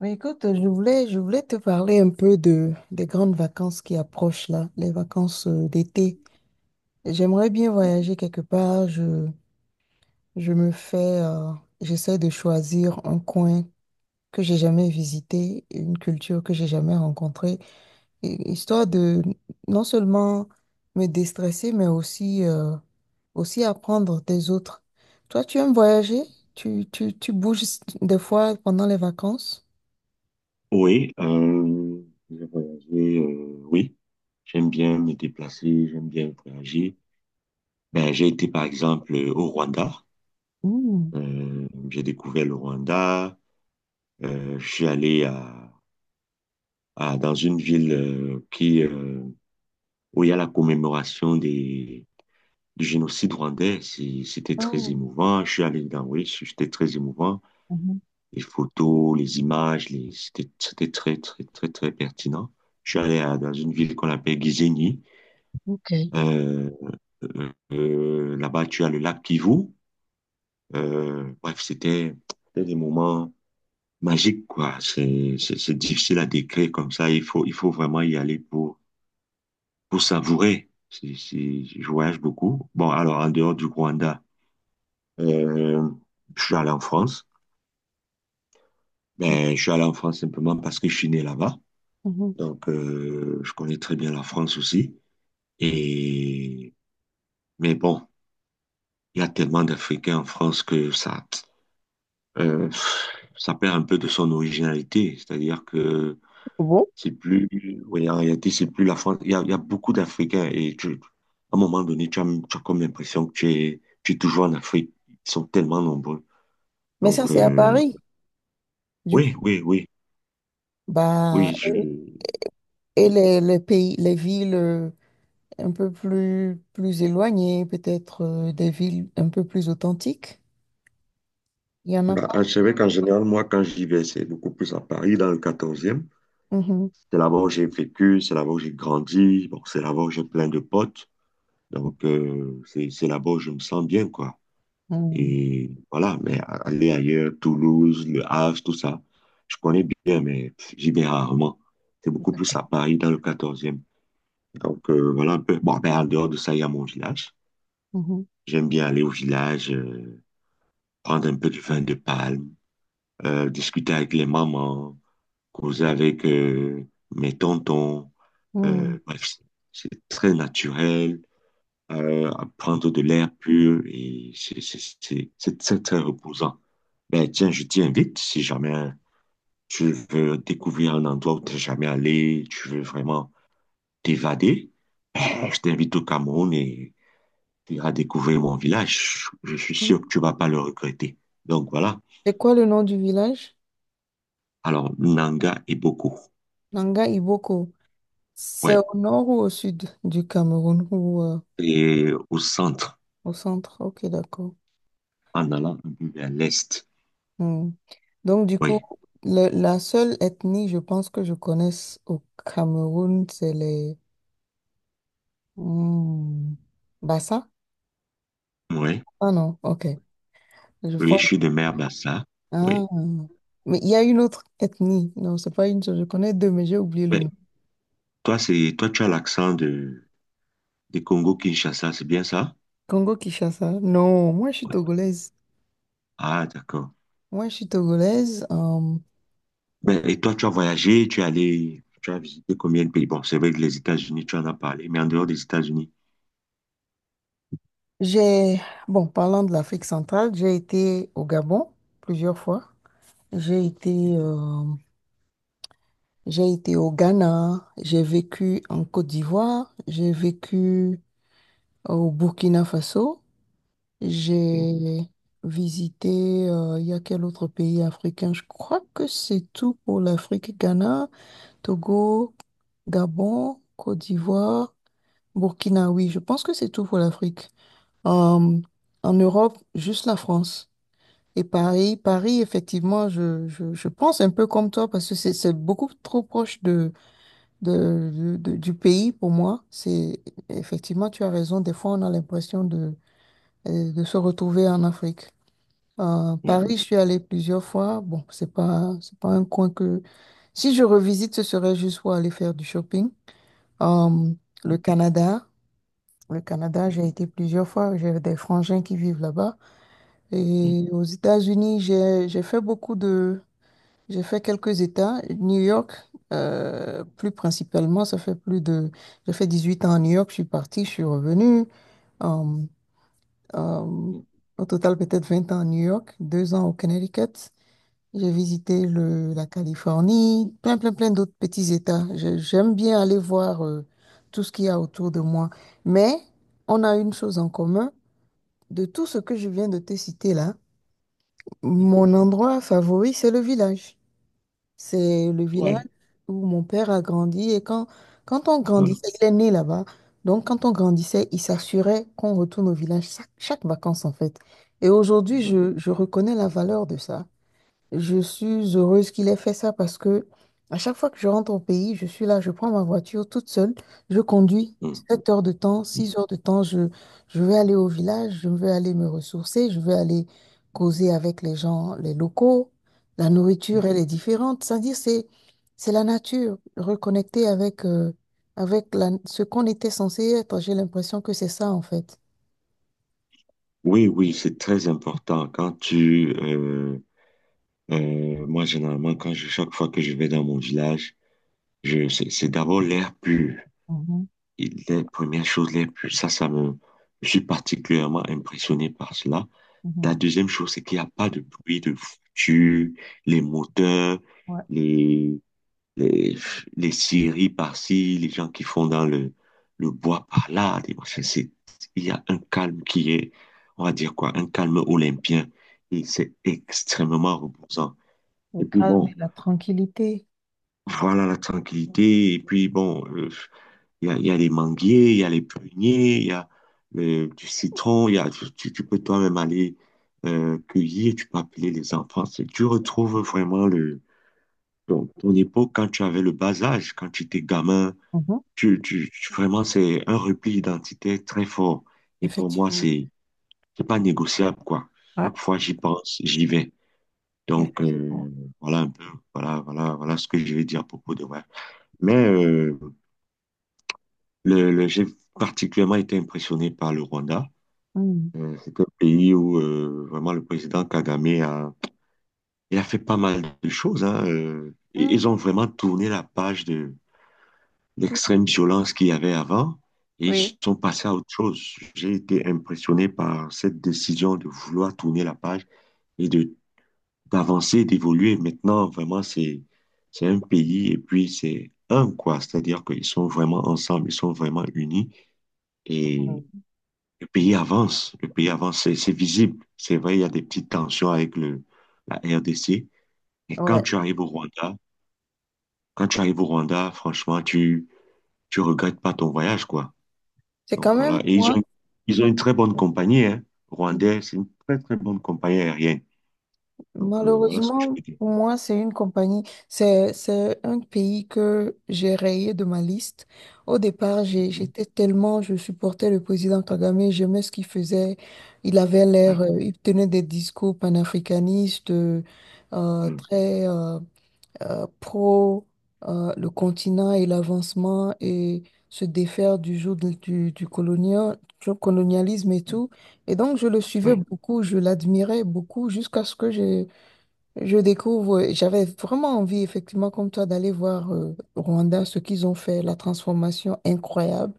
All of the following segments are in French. Mais écoute, je voulais te parler un peu des grandes vacances qui approchent là, les vacances d'été. J'aimerais bien voyager quelque part. Je me fais, euh, j'essaie de choisir un coin que j'ai jamais visité, une culture que j'ai jamais rencontrée, histoire de non seulement me déstresser, mais aussi, aussi apprendre des autres. Toi, tu aimes voyager? Tu bouges des fois pendant les vacances? Oui, euh, j'ai voyagé, oui. J'aime bien me déplacer, j'aime bien voyager. Ben, j'ai été par exemple au Rwanda. Mmh. J'ai découvert le Rwanda. Je suis allé dans une ville où il y a la commémoration du génocide rwandais. C'était très Oh. émouvant. Je suis allé dans, oui, c'était très émouvant. Mhm. Les photos, les images, c'était, c'était très pertinent. Je suis allé dans une ville qu'on appelle Gisenyi. Ok. Euh, là-bas, tu as le lac Kivu. Bref, c'était des moments magiques, quoi. C'est difficile à décrire comme ça. Il faut vraiment y aller pour savourer. Je voyage beaucoup. Bon, alors, en dehors du Rwanda, euh, je suis allé en France. Ben, je suis allé en France simplement parce que je suis né là-bas. Mhm. Donc, je connais très bien la France aussi. Et, mais bon, il y a tellement d'Africains en France que ça. euh, ça perd un peu de son originalité. C'est-à-dire que Bon, c'est plus, ouais, en réalité, c'est plus la France. Il y a beaucoup d'Africains et à un moment donné, tu as comme l'impression que tu es toujours en Afrique. Ils sont tellement nombreux. mais ça, Donc, c'est à Paris. Du coup, oui, oui, oui, bah, oui. Et les pays, les villes un peu plus, plus éloignées, peut-être des villes un peu plus authentiques, il y en a Bah, pas. je savais qu'en général, moi, quand j'y vais, c'est beaucoup plus à Paris, dans le 14e. Mhm. C'est là-bas où j'ai vécu, c'est là-bas où j'ai grandi, bon, c'est là-bas où j'ai plein de potes. Donc, c'est là-bas où je me sens bien, quoi. Mhm. Et voilà, mais aller ailleurs, Toulouse, Le Havre, tout ça, je connais bien, mais j'y vais rarement. C'est beaucoup plus à Paris, dans le 14e. Donc voilà un peu. Bon, ben, en dehors de ça, il y a mon village. Mhm. J'aime bien aller au village, prendre un peu de vin de palme, discuter avec les mamans, causer avec mes tontons. Bref, c'est très naturel, à prendre de l'air pur et c'est très, très reposant. Ben, tiens, je t'invite si jamais tu veux découvrir un endroit où tu n'es jamais allé, tu veux vraiment t'évader, ben, je t'invite au Cameroun et tu iras découvrir mon village. Je suis Mhm. sûr que tu vas pas le regretter. Donc voilà. C'est quoi le nom du village? Alors, Nanga et Boko. Nanga Iboko. C'est Ouais. au nord ou au sud du Cameroun ou Et au centre, au centre? Ok, d'accord. en allant un peu vers l'est. Hmm. Donc, du coup, Oui. La seule ethnie, je pense que je connaisse au Cameroun, c'est les… Hmm. Bassa? Oui. Ah non, ok. Je Oui, vois. je suis de Mère-Bassa. Ah. Oui. Mais il y a une autre ethnie. Non, c'est pas une seule. Je connais deux, mais j'ai oublié le Mais nom. toi, toi, tu as l'accent de Congo-Kinshasa, c'est bien ça? Congo-Kinshasa? Non, moi, je suis Ouais. togolaise. Ah, d'accord. Moi, je suis togolaise. Ben, et toi, tu as voyagé, tu es allé, tu as visité combien de pays? Bon, c'est vrai que les États-Unis, tu en as parlé, mais en dehors des États-Unis. j'ai… Bon, parlant de l'Afrique centrale, j'ai été au Gabon plusieurs fois. J'ai été... euh, J'ai été au Ghana, j'ai vécu en Côte d'Ivoire, j'ai vécu au Burkina Faso, j'ai visité, il y a quel autre pays africain? Je crois que c'est tout pour l'Afrique. Ghana, Togo, Gabon, Côte d'Ivoire, Burkina, oui, je pense que c'est tout pour l'Afrique. Euh, en Europe, juste la France. Et Paris, Paris, effectivement, je pense un peu comme toi parce que c'est beaucoup trop proche du pays pour moi. C'est effectivement, tu as raison. Des fois, on a l'impression de se retrouver en Afrique. Paris, je suis allée plusieurs fois. Bon, c'est pas un coin que. Si je revisite, ce serait juste pour aller faire du shopping. Euh, le Canada. Le Canada, j'ai été plusieurs fois. J'ai des frangins qui vivent là-bas. Et aux États-Unis, j'ai fait beaucoup. J'ai fait quelques États. New York, plus principalement, ça fait plus de… J'ai fait 18 ans à New York, je suis partie, je suis revenue. Euh, euh, au total, peut-être 20 ans à New York, 2 ans au Connecticut. J'ai visité la Californie, plein, plein, plein d'autres petits États. J'aime bien aller voir tout ce qu'il y a autour de moi. Mais on a une chose en commun. De tout ce que je viens de te citer là, mon endroit favori, c'est le village. C'est le village Voilà, où mon père a grandi et quand on voilà. grandissait, il est né là-bas. Donc quand on grandissait, il s'assurait qu'on retourne au village chaque vacances en fait. Et aujourd'hui, je reconnais la valeur de ça. Je suis heureuse qu'il ait fait ça parce que à chaque fois que je rentre au pays, je suis là, je prends ma voiture toute seule, je conduis 7 heures de temps, 6 heures de temps, je vais aller au village, je vais aller me ressourcer, je vais aller causer avec les gens, les locaux. La nourriture, elle est différente. C'est-à-dire, c'est la nature, reconnecter avec, avec ce qu'on était censé être. J'ai l'impression que c'est ça, en fait. Oui, oui, c'est très important. Moi, généralement, chaque fois que je vais dans mon village, c'est d'abord l'air pur. Mhm, Et les premières choses, les plus, je suis particulièrement impressionné par cela. La mhm. deuxième chose, c'est qu'il n'y a pas de bruit de voiture, les moteurs, Ouais, les, les, les scieries par-ci, les gens qui font dans le bois par-là, des machins. C'est, il y a un calme qui est, on va dire quoi, un calme olympien. Et c'est extrêmement reposant. le Et puis calme bon, et la tranquillité. voilà la tranquillité. Et puis bon, il y a les manguiers, il y a les pruniers, il y a du citron, il y a, tu peux toi-même aller cueillir, tu peux appeler les enfants. Tu retrouves vraiment ton époque quand tu avais le bas âge, quand tu étais gamin. Mhm. Vraiment, c'est un repli identitaire très fort. Et pour moi, Effectivement. C'est pas négociable, quoi. Ouais, Chaque fois, j'y pense, j'y vais. Donc, effectivement. Voilà un peu, voilà ce que je vais dire à propos de moi. Mais j'ai particulièrement été impressionné par le Rwanda. Mhm. C'est un pays où vraiment le président Kagame a, il a fait pas mal de choses. Hein, et ils ont vraiment tourné la page de Mhm. l'extrême violence qu'il y avait avant et ils Oui. sont passés à autre chose. J'ai été impressionné par cette décision de vouloir tourner la page et de d'avancer, d'évoluer. Maintenant, vraiment, c'est un pays et puis c'est un quoi. C'est-à-dire qu'ils sont vraiment ensemble, ils sont vraiment unis et Mhm. le pays avance, le pays avance, c'est visible. C'est vrai, il y a des petites tensions avec le, la RDC. Et quand Ouais. tu arrives au Rwanda, quand tu arrives au Rwanda, franchement, tu regrettes pas ton voyage, quoi. C'est Donc quand même voilà. Et moi. ils ont une très bonne compagnie, hein. Rwandais, c'est une très, très bonne compagnie aérienne. Donc voilà ce que je Malheureusement, peux dire. pour moi, c'est un pays que j'ai rayé de ma liste. Au départ, j'étais tellement, je supportais le président Kagame, j'aimais ce qu'il faisait. Il avait Ouais, l'air, il tenait des discours panafricanistes, ouais, très pro le continent et l'avancement et se défaire du joug du du colonialisme et tout. Et donc, je le suivais ouais, beaucoup, je l'admirais beaucoup jusqu'à ce que j'ai je découvre, j'avais vraiment envie, effectivement, comme toi, d'aller voir Rwanda, ce qu'ils ont fait, la transformation incroyable,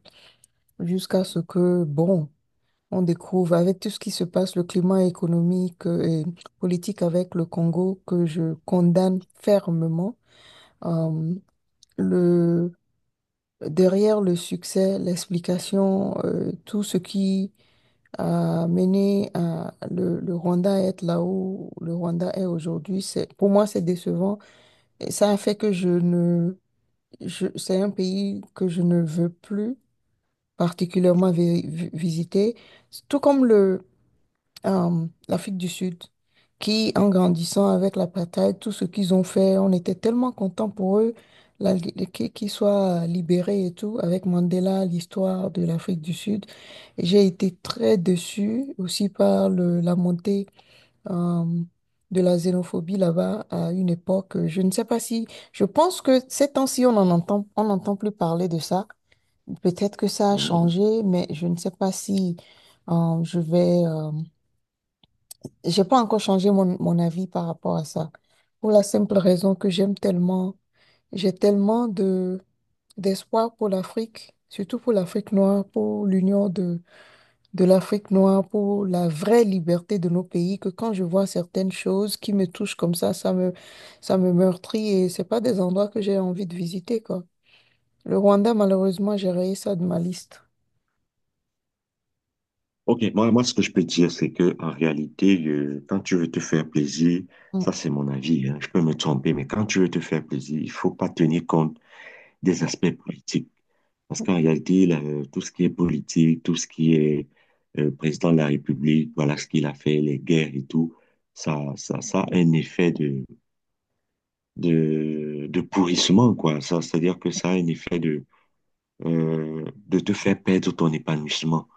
jusqu'à ce que, bon, on découvre avec tout ce qui se passe, le climat économique et politique avec le Congo, que je condamne fermement. Euh, le, derrière le succès, l'explication, tout ce qui a mené à le Rwanda à être là où le Rwanda est aujourd'hui, c'est, pour moi, c'est décevant. Et ça a fait que je ne, je, c'est un pays que je ne veux plus particulièrement visiter, tout comme l'Afrique du Sud, qui, en grandissant avec l'apartheid, tout ce qu'ils ont fait, on était tellement contents pour eux, qu'ils soient libérés et tout, avec Mandela, l'histoire de l'Afrique du Sud. J'ai été très déçue aussi par la montée euh, de la xénophobie là-bas à une époque. Euh, je ne sais pas si, je pense que ces temps-ci, on n'entend plus parler de ça. Peut-être que ça a non. changé, mais je ne sais pas si je vais. J'ai pas encore changé mon avis par rapport à ça. Pour la simple raison que j'aime tellement, j'ai tellement de d'espoir pour l'Afrique, surtout pour l'Afrique noire, pour l'union de l'Afrique noire pour la vraie liberté de nos pays que quand je vois certaines choses qui me touchent comme ça, ça me meurtrit et c'est pas des endroits que j'ai envie de visiter, quoi. Le Rwanda, malheureusement, j'ai rayé ça de ma liste. Ok, moi, ce que je peux dire, c'est que en réalité, quand tu veux te faire plaisir, Mm, ça c'est mon avis, hein, je peux me tromper, mais quand tu veux te faire plaisir, il faut pas tenir compte des aspects politiques. Parce qu'en réalité, là, tout ce qui est politique, tout ce qui est président de la République, voilà ce qu'il a fait, les guerres et tout, ça a un effet de pourrissement, quoi. Ça, c'est-à-dire que ça a un effet de te faire perdre ton épanouissement.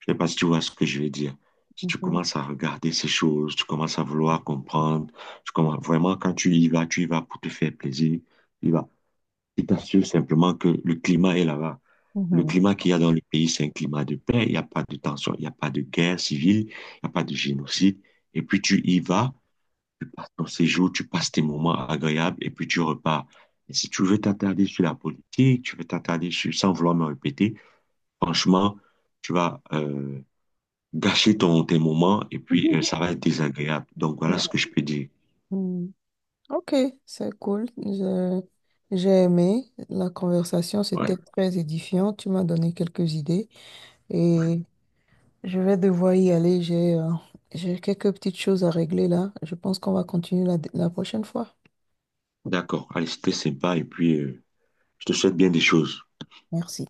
Je ne sais pas si tu vois ce que je veux dire. Si tu mm, commences à regarder ces choses, tu commences à vouloir comprendre, tu commences, vraiment, quand tu y vas pour te faire plaisir, tu y vas. Il t'assure simplement que le climat est là-bas. Le mhm, climat qu'il y a dans le pays, c'est un climat de paix. Il n'y a pas de tension, il n'y a pas de guerre civile, il n'y a pas de génocide. Et puis tu y vas, tu passes ton séjour, tu passes tes moments agréables et puis tu repars. Et si tu veux t'attarder sur la politique, tu veux t'attarder sur, sans vouloir me répéter, franchement, tu vas gâcher tes moments et puis mhm, ça va être désagréable. Donc voilà ce que je peux dire. mm, mm. Ok, c'est cool. J'ai aimé la conversation, Ouais, c'était très édifiant. Tu m'as donné quelques idées. Je vais devoir y aller. J'ai quelques petites choses à régler là. Je pense qu'on va continuer la prochaine fois. d'accord. Allez, c'était sympa et puis je te souhaite bien des choses. Merci.